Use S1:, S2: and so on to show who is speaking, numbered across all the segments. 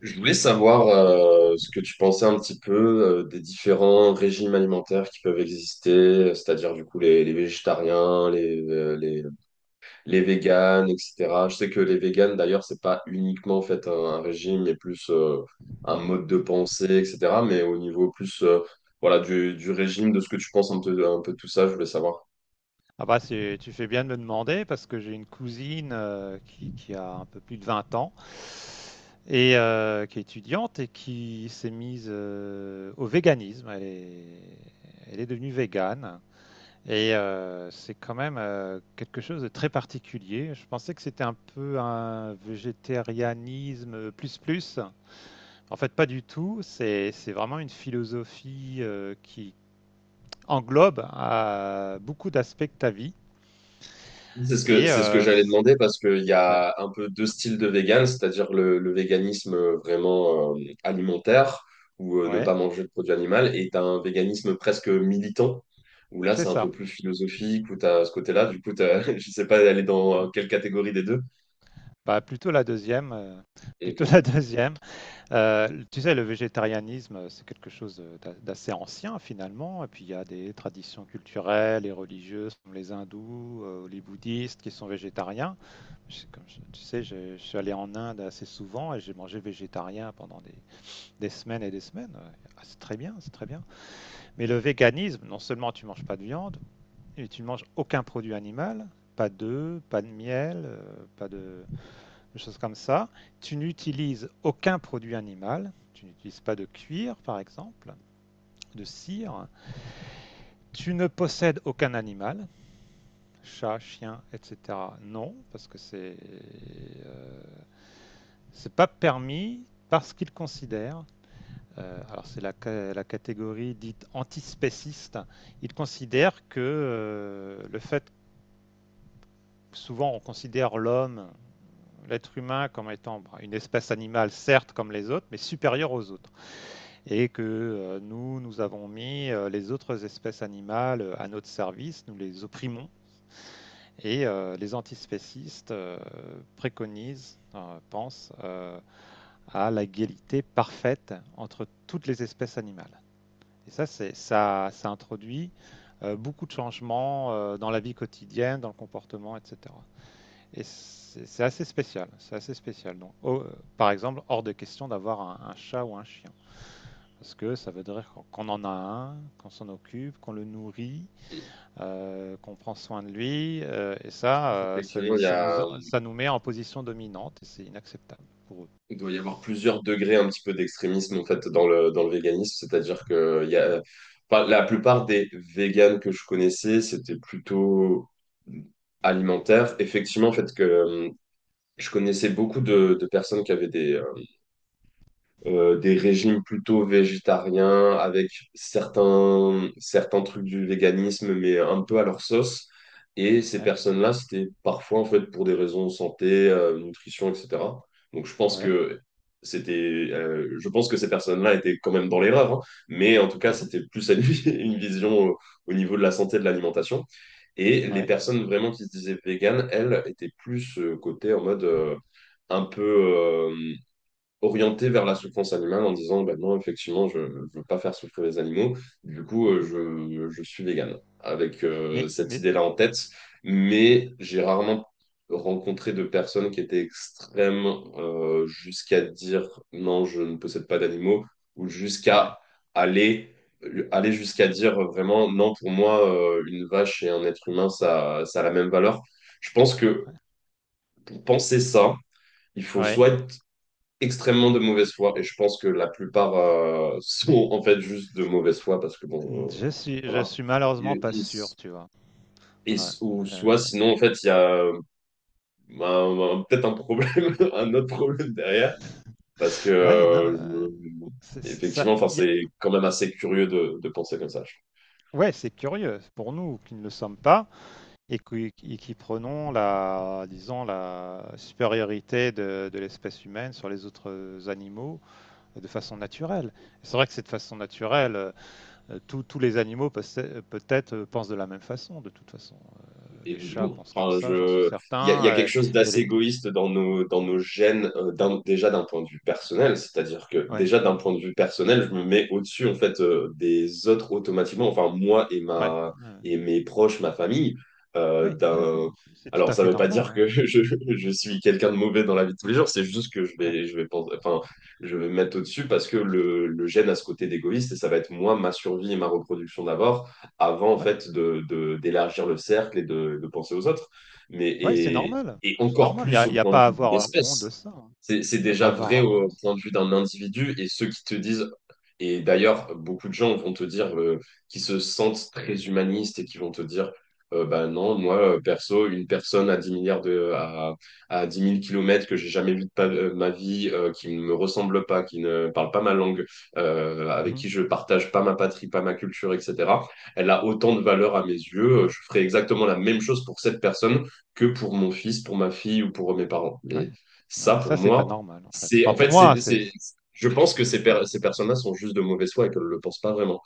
S1: Je voulais savoir ce que tu pensais un petit peu des différents régimes alimentaires qui peuvent exister, c'est-à-dire du coup les végétariens, les véganes, etc. Je sais que les véganes, d'ailleurs, c'est pas uniquement en fait un régime, mais plus un mode de pensée, etc. Mais au niveau plus voilà, du régime, de ce que tu penses un peu de tout ça, je voulais savoir.
S2: Ah bah c'est, tu fais bien de me demander parce que j'ai une cousine qui a un peu plus de 20 ans et qui est étudiante et qui s'est mise au véganisme. Elle est devenue végane et c'est quand même quelque chose de très particulier. Je pensais que c'était un peu un végétarianisme plus plus. En fait, pas du tout. C'est vraiment une philosophie qui englobe beaucoup d'aspects de ta vie. Et
S1: C'est ce que
S2: euh,
S1: j'allais demander parce qu'il y
S2: Ouais,
S1: a un peu deux styles de vegan, c'est-à-dire le véganisme vraiment alimentaire ou ne
S2: ouais,
S1: pas manger de produits animaux, et t'as un véganisme presque militant où là
S2: c'est
S1: c'est un peu
S2: ça.
S1: plus philosophique où t'as ce côté-là. Du coup, t'as, je sais pas aller dans
S2: Mm.
S1: quelle catégorie des deux.
S2: Bah, plutôt la deuxième,
S1: Donc,
S2: plutôt
S1: euh,
S2: la deuxième. Tu sais, le végétarianisme, c'est quelque chose d'assez ancien finalement. Et puis il y a des traditions culturelles et religieuses, comme les hindous, les bouddhistes, qui sont végétariens. Tu sais, je suis allé en Inde assez souvent et j'ai mangé végétarien pendant des semaines et des semaines. Ouais. Ah, c'est très bien, c'est très bien. Mais le véganisme, non seulement tu manges pas de viande, et tu ne manges aucun produit animal, pas d'œufs, pas de miel, pas de, de choses comme ça. Tu n'utilises aucun produit animal. Tu n'utilises pas de cuir, par exemple, de cire. Tu ne possèdes aucun animal, chat, chien, etc. Non, parce que euh, c'est pas permis parce qu'ils considèrent. Alors c'est la catégorie dite antispéciste. Ils considèrent que le fait souvent on considère l'être humain comme étant bah, une espèce animale, certes comme les autres, mais supérieure aux autres. Et que nous avons mis les autres espèces animales à notre service, nous les opprimons. Et les antispécistes préconisent, pensent à l'égalité parfaite entre toutes les espèces animales. Et ça introduit beaucoup de changements dans la vie quotidienne, dans le comportement, etc. Et c'est assez spécial, c'est assez spécial. Donc, oh, par exemple, hors de question d'avoir un chat ou un chien, parce que ça veut dire qu'on- qu'on en a un, qu'on s'en occupe, qu'on le nourrit, qu'on prend soin de lui,
S1: Effectivement, il y a.
S2: ça nous met en position dominante, et c'est inacceptable pour eux.
S1: Il doit y avoir plusieurs degrés un petit peu d'extrémisme en fait dans le véganisme, c'est-à-dire que il y a, enfin, la plupart des véganes que je connaissais, c'était plutôt alimentaire. Effectivement, en fait, que je connaissais beaucoup de personnes qui avaient des régimes plutôt végétariens avec certains trucs du véganisme, mais un peu à leur sauce. Et ces
S2: Ouais,
S1: personnes-là, c'était parfois en fait pour des raisons santé, nutrition, etc. Donc je pense
S2: ouais,
S1: que c'était, je pense que ces personnes-là étaient quand même dans l'erreur, hein. Mais en tout cas
S2: mhm,
S1: c'était plus à une, une vision au, au niveau de la santé et de l'alimentation. Et les
S2: ouais.
S1: personnes vraiment qui se disaient véganes, elles étaient plus côté en mode un peu orienté vers la souffrance animale en disant ben non, effectivement, je ne veux pas faire souffrir les animaux, du coup,
S2: Mhm.
S1: je suis vegan, avec cette
S2: Mais,
S1: idée-là en tête,
S2: ouais,
S1: mais j'ai rarement rencontré de personnes qui étaient extrêmes jusqu'à dire non, je ne possède pas d'animaux, ou
S2: ouais,
S1: jusqu'à aller jusqu'à dire vraiment non pour moi une vache et un être humain ça a la même valeur. Je pense que
S2: ouais.
S1: pour penser ça il faut
S2: Ouais.
S1: soit être extrêmement de mauvaise foi, et je pense que la plupart sont en fait juste de mauvaise foi parce que bon,
S2: Je
S1: voilà.
S2: suis malheureusement
S1: Ils-
S2: pas sûr,
S1: ils-
S2: tu vois. Ouais,
S1: ou
S2: euh,
S1: soit sinon en fait il y a peut-être un problème, un autre problème derrière parce que
S2: ouais, non, c'est- ça,
S1: effectivement, enfin
S2: il
S1: c'est quand même assez curieux de penser comme ça.
S2: ouais, c'est curieux pour nous qui ne le sommes pas et qui prenons la, disons, la supériorité de l'espèce humaine sur les autres animaux de façon naturelle. C'est vrai que c'est de façon naturelle, tous les animaux possè- peut-être pensent de la même façon, de toute façon. Les chats
S1: Évidemment.
S2: pensent comme
S1: Enfin,
S2: ça, j'en suis
S1: je, il y
S2: certain.
S1: a quelque chose
S2: Et,
S1: d'assez
S2: les...
S1: égoïste dans nos gènes, déjà d'un point de vue personnel. C'est-à-dire que
S2: Ouais,
S1: déjà d'un point de vue personnel, je me mets au-dessus en fait des autres automatiquement. Enfin, moi et
S2: ouais,
S1: ma
S2: ouais,
S1: et mes proches, ma famille. euh,
S2: ouais, ouais, ouais.
S1: d'un,
S2: C'est tout
S1: alors,
S2: à
S1: ça
S2: fait
S1: ne veut pas
S2: normal,
S1: dire
S2: hein.
S1: que je suis quelqu'un de mauvais dans la vie de tous les jours. C'est juste que
S2: Ouais,
S1: je vais penser, enfin, je vais me mettre au-dessus parce que le gène a ce côté d'égoïste et ça va être moi, ma survie et ma reproduction d'abord avant en
S2: ouais,
S1: fait de, d'élargir le cercle et de penser aux autres. Mais
S2: ouais, c'est normal.
S1: et
S2: C'est
S1: encore
S2: normal.
S1: plus
S2: Il
S1: au
S2: y a
S1: point de
S2: pas à
S1: vue d'une
S2: avoir honte
S1: espèce.
S2: de ça, hein.
S1: C'est
S2: Il n'y a pas à
S1: déjà vrai
S2: avoir honte de
S1: au
S2: ça.
S1: point de vue d'un individu et ceux qui te disent, et d'ailleurs, beaucoup de gens vont te dire, qui se sentent très humanistes et qui vont te dire, bah non, moi, perso, une personne à 10 milliards de, à dix mille kilomètres que j'ai jamais vu ma vie, qui ne me ressemble pas, qui ne parle pas ma langue, avec
S2: Mmh.
S1: qui je partage pas ma patrie, pas ma culture, etc., elle a autant de valeur à mes yeux. Je ferai exactement la même chose pour cette personne que pour mon fils, pour ma fille ou pour mes parents.
S2: Ouais.
S1: Mais ça,
S2: Ouais,
S1: pour
S2: ça, c'est pas
S1: moi,
S2: normal, en fait.
S1: c'est
S2: Pas
S1: en fait,
S2: pour moi, c'est
S1: c'est- je pense que ces,
S2: ouais.
S1: ces personnes-là sont juste de mauvaise foi et qu'elles ne le pensent pas vraiment.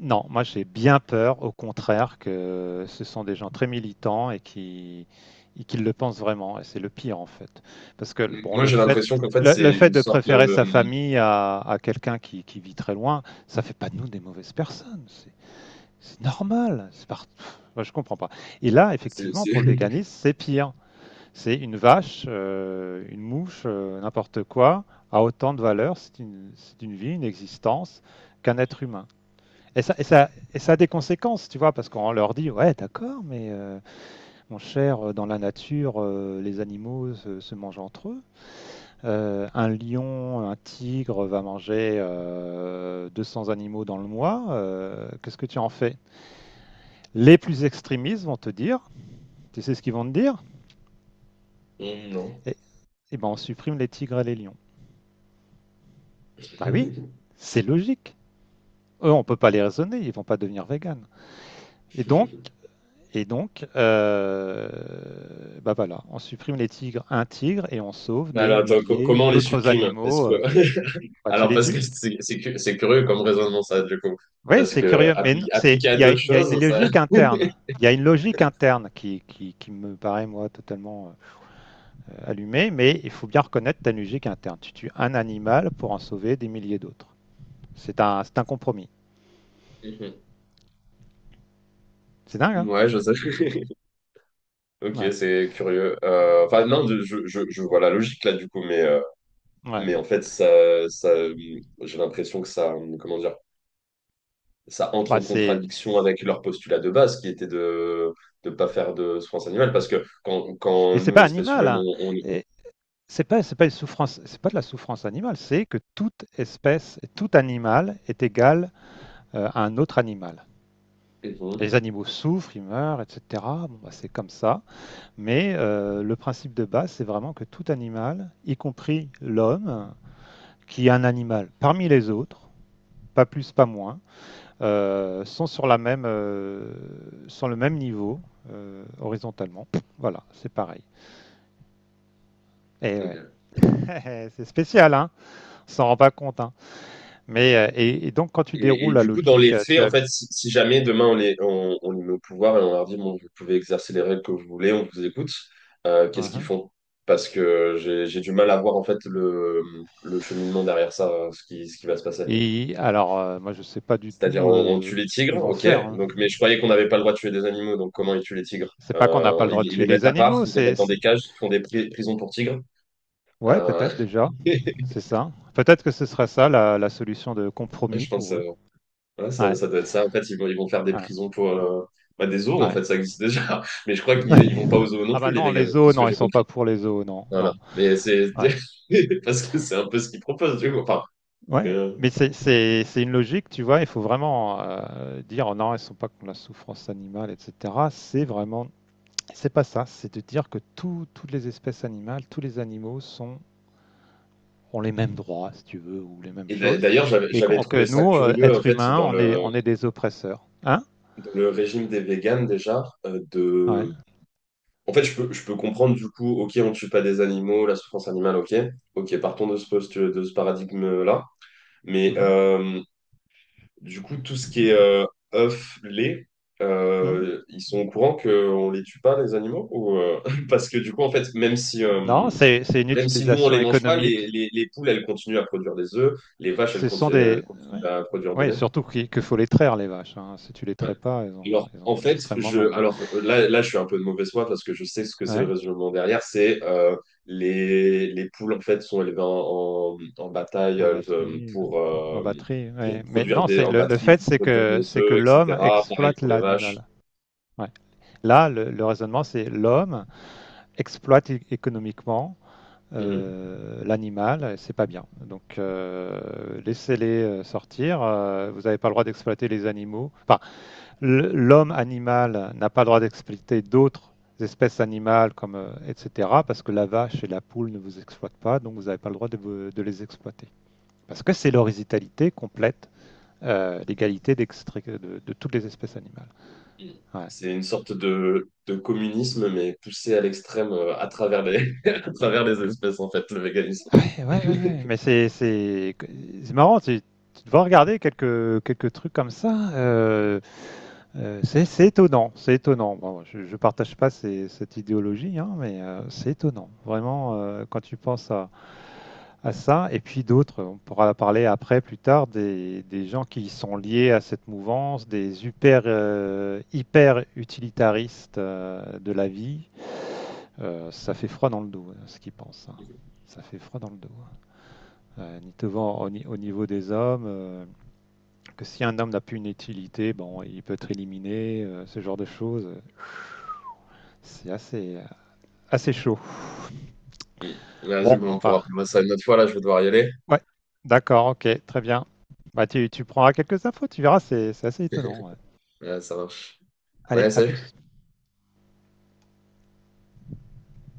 S2: Non, moi, j'ai bien peur, au contraire, que ce sont des gens très militants et qui le pensent vraiment et c'est le pire, en fait. Parce que, bon,
S1: Moi, j'ai l'impression qu'en fait,
S2: le
S1: c'est
S2: fait
S1: une
S2: de
S1: sorte.
S2: préférer sa famille à quelqu'un qui vit très loin, ça fait pas de nous des mauvaises personnes. C'est normal, c'est part moi, je comprends pas et là,
S1: C'est-
S2: effectivement,
S1: c'est-
S2: pour le véganisme, c'est pire. C'est une vache, une mouche, n'importe quoi, a autant de valeur, c'est une vie, une existence, qu'un être humain. Et ça a des conséquences, tu vois, parce qu'on leur dit, ouais, d'accord, mais mon cher, dans la nature, les animaux se mangent entre eux. Un lion, un tigre va manger 200 animaux dans le mois. Qu'est-ce que tu en fais? Les plus extrémistes vont te dire, tu sais ce qu'ils vont te dire?
S1: Non.
S2: Eh eh ben, on supprime les tigres et les lions. Bah oui,
S1: Mais
S2: c'est logique. Eux, on peut pas les raisonner, ils vont pas devenir véganes. Et donc, et donc, euh, Bah voilà, on supprime les tigres, un tigre, et on sauve des
S1: alors, attends,
S2: milliers
S1: comment on les
S2: d'autres
S1: supprime? Est-ce
S2: animaux.
S1: que...
S2: Bah, tu
S1: Alors,
S2: les
S1: parce
S2: tues?
S1: que c'est curieux comme raisonnement, ça, du coup.
S2: Oui,
S1: Parce
S2: c'est
S1: que
S2: curieux, c'est,
S1: appliqué à d'autres
S2: il y a
S1: choses,
S2: une
S1: ça.
S2: logique interne. Il y a une logique interne qui me paraît, moi, totalement allumée, mais il faut bien reconnaître ta logique interne. Tu tues un animal pour en sauver des milliers d'autres. C'est un compromis.
S1: Mhm.
S2: C'est dingue, hein?
S1: Ouais, je sais. Ok,
S2: Ouais.
S1: c'est curieux. Enfin, non, je vois la logique là, du coup,
S2: Ouais.
S1: mais en fait, ça, j'ai l'impression que ça, comment dire, ça entre
S2: Bah,
S1: en
S2: c'est
S1: contradiction avec leur postulat de base qui était de ne pas faire de souffrance animale parce que quand, quand
S2: mais c'est
S1: nous,
S2: pas
S1: l'espèce
S2: animal,
S1: humaine,
S2: hein. Et c'est pas une souffrance, c'est pas de la souffrance animale, c'est que toute espèce, tout animal est égal à un autre animal. Les
S1: Mhm.
S2: animaux souffrent, ils meurent, etc. Bon, bah, c'est comme ça. Mais le principe de base, c'est vraiment que tout animal, y compris l'homme, qui est un animal parmi les autres, pas plus, pas moins, sont le même niveau horizontalement. Voilà, c'est pareil. Et ouais,
S1: Ok.
S2: c'est spécial, hein. S'en rend pas compte, hein. Mais et donc quand tu
S1: Et
S2: déroules la
S1: du coup, dans les
S2: logique,
S1: faits,
S2: tu
S1: en
S2: as.
S1: fait, si, si jamais demain on les met au pouvoir et on leur dit, bon, vous pouvez exercer les règles que vous voulez, on vous écoute, qu'est-ce qu'ils
S2: Mhm.
S1: font? Parce que j'ai du mal à voir en fait le cheminement derrière ça, ce qui va se passer.
S2: Et alors, moi, je sais pas du
S1: C'est-à-dire,
S2: tout
S1: on tue les
S2: ce
S1: tigres,
S2: qu'ils vont
S1: ok.
S2: faire, hein.
S1: Donc, mais je croyais qu'on n'avait pas le droit de tuer des animaux, donc comment ils tuent les tigres?
S2: C'est pas qu'on n'a pas le droit de
S1: Ils
S2: tuer
S1: les
S2: les
S1: mettent à part,
S2: animaux,
S1: ils les mettent
S2: c'est.
S1: dans des
S2: C'est-
S1: cages, ils font des prisons pour tigres.
S2: ouais,
S1: Euh,
S2: peut-être déjà, c'est ça. Peut-être que ce serait ça la solution de compromis
S1: je pense,
S2: pour
S1: euh,
S2: eux.
S1: ouais, ça,
S2: Ouais.
S1: ça doit être ça. En fait, ils vont faire des
S2: Ouais.
S1: prisons pour bah, des zoos, en
S2: Ouais.
S1: fait, ça existe déjà. Mais je crois qu'ils ils vont pas aux zoos non
S2: Ah bah
S1: plus, les
S2: non, les
S1: véganes, de
S2: zoos,
S1: ce que
S2: non, ils
S1: j'ai
S2: sont pas
S1: compris.
S2: pour les zoos, non,
S1: Voilà.
S2: non.
S1: Mais c'est
S2: Ouais.
S1: parce que c'est un peu ce qu'ils proposent, du coup. Enfin,
S2: Ouais.
S1: que-
S2: Mais c'est une logique, tu vois, il faut vraiment dire non, ils sont pas contre la souffrance animale, etc. C'est vraiment c'est pas ça, c'est de dire que tout- toutes les espèces animales, tous les animaux sont, ont les mêmes droits, si tu veux, ou les mêmes
S1: Et
S2: choses,
S1: d'ailleurs, j'avais
S2: et
S1: trouvé
S2: que
S1: ça
S2: nous,
S1: curieux, en
S2: êtres
S1: fait,
S2: humains, on est des oppresseurs. Hein?
S1: dans le régime des véganes déjà,
S2: Ouais.
S1: de. En fait, je peux comprendre du coup, ok, on ne tue pas des animaux, la souffrance animale, ok, ok, partons de ce poste, de ce paradigme-là. Mais
S2: Mhm.
S1: du coup, tout ce qui est œufs, lait,
S2: Mhm.
S1: ils sont au courant qu'on ne les tue pas, les animaux ou, parce que du coup, en fait,
S2: Non, c'est une
S1: même si nous, on ne
S2: utilisation
S1: les mange pas,
S2: économique.
S1: les poules, elles continuent à produire des œufs, les vaches,
S2: Ce sont
S1: elles
S2: des...
S1: continuent à produire de
S2: Oui,
S1: lait.
S2: surtout qu'il que faut les traire, les vaches, hein. Si tu les
S1: Ouais.
S2: traites pas,
S1: Alors,
S2: elles
S1: en
S2: ont
S1: fait,
S2: extrêmement
S1: je,
S2: mal.
S1: alors là, je suis un peu de mauvaise foi parce que je sais ce que c'est le
S2: Ouais,
S1: raisonnement derrière. C'est Les poules, en fait, sont élevées en bataille
S2: en batterie. En batterie,
S1: pour
S2: ouais. Mais
S1: produire
S2: non,
S1: des,
S2: c'est
S1: en
S2: le
S1: batterie,
S2: fait,
S1: pour produire des
S2: c'est que
S1: œufs,
S2: l'homme
S1: etc. Pareil
S2: exploite
S1: pour les vaches.
S2: l'animal. Ouais. Là, le raisonnement, c'est l'homme exploite é- économiquement
S1: Mm.
S2: l'animal, et c'est pas bien. Donc, laissez-les sortir. Vous n'avez pas le droit d'exploiter les animaux. Enfin, l'homme animal n'a pas le droit d'exploiter d'autres espèces animales, comme, etc., parce que la vache et la poule ne vous exploitent pas, donc vous n'avez pas le droit de, vous- de les exploiter. Parce que c'est l'horizontalité complète, l'égalité d'extrait- de toutes les espèces animales.
S1: Mm.
S2: Ouais.
S1: C'est une sorte de communisme, mais poussé à l'extrême à travers les, à travers les espèces, en fait, le véganisme.
S2: Ouais, ouais, ouais. Mais c'est c'est marrant. Tu devrais regarder quelques trucs comme ça. C'est étonnant. C'est étonnant. Bon, je, ne partage pas ces- cette idéologie, hein, mais c'est étonnant. Vraiment, quand tu penses à ça, et puis d'autres, on pourra parler après, plus tard, des gens qui sont liés à cette mouvance, des hyper hyper utilitaristes de la vie. Ça fait froid dans le dos, hein, ce qu'ils pensent, hein. Ça fait froid dans le dos, hein. Ni devant au, ni- au niveau des hommes, que si un homme n'a plus une utilité, bon, il peut être éliminé, ce genre de choses. C'est assez, assez chaud.
S1: Mm. Vas-y,
S2: Bon,
S1: bon, on
S2: enfin,
S1: pourra plus voir ça une autre fois. Là, je vais devoir y aller.
S2: ouais, d'accord, ok, très bien. Bah, tu prendras quelques infos, tu verras, c'est assez étonnant, ouais.
S1: Ouais, ça marche.
S2: Allez,
S1: Ouais,
S2: à
S1: salut.
S2: plus.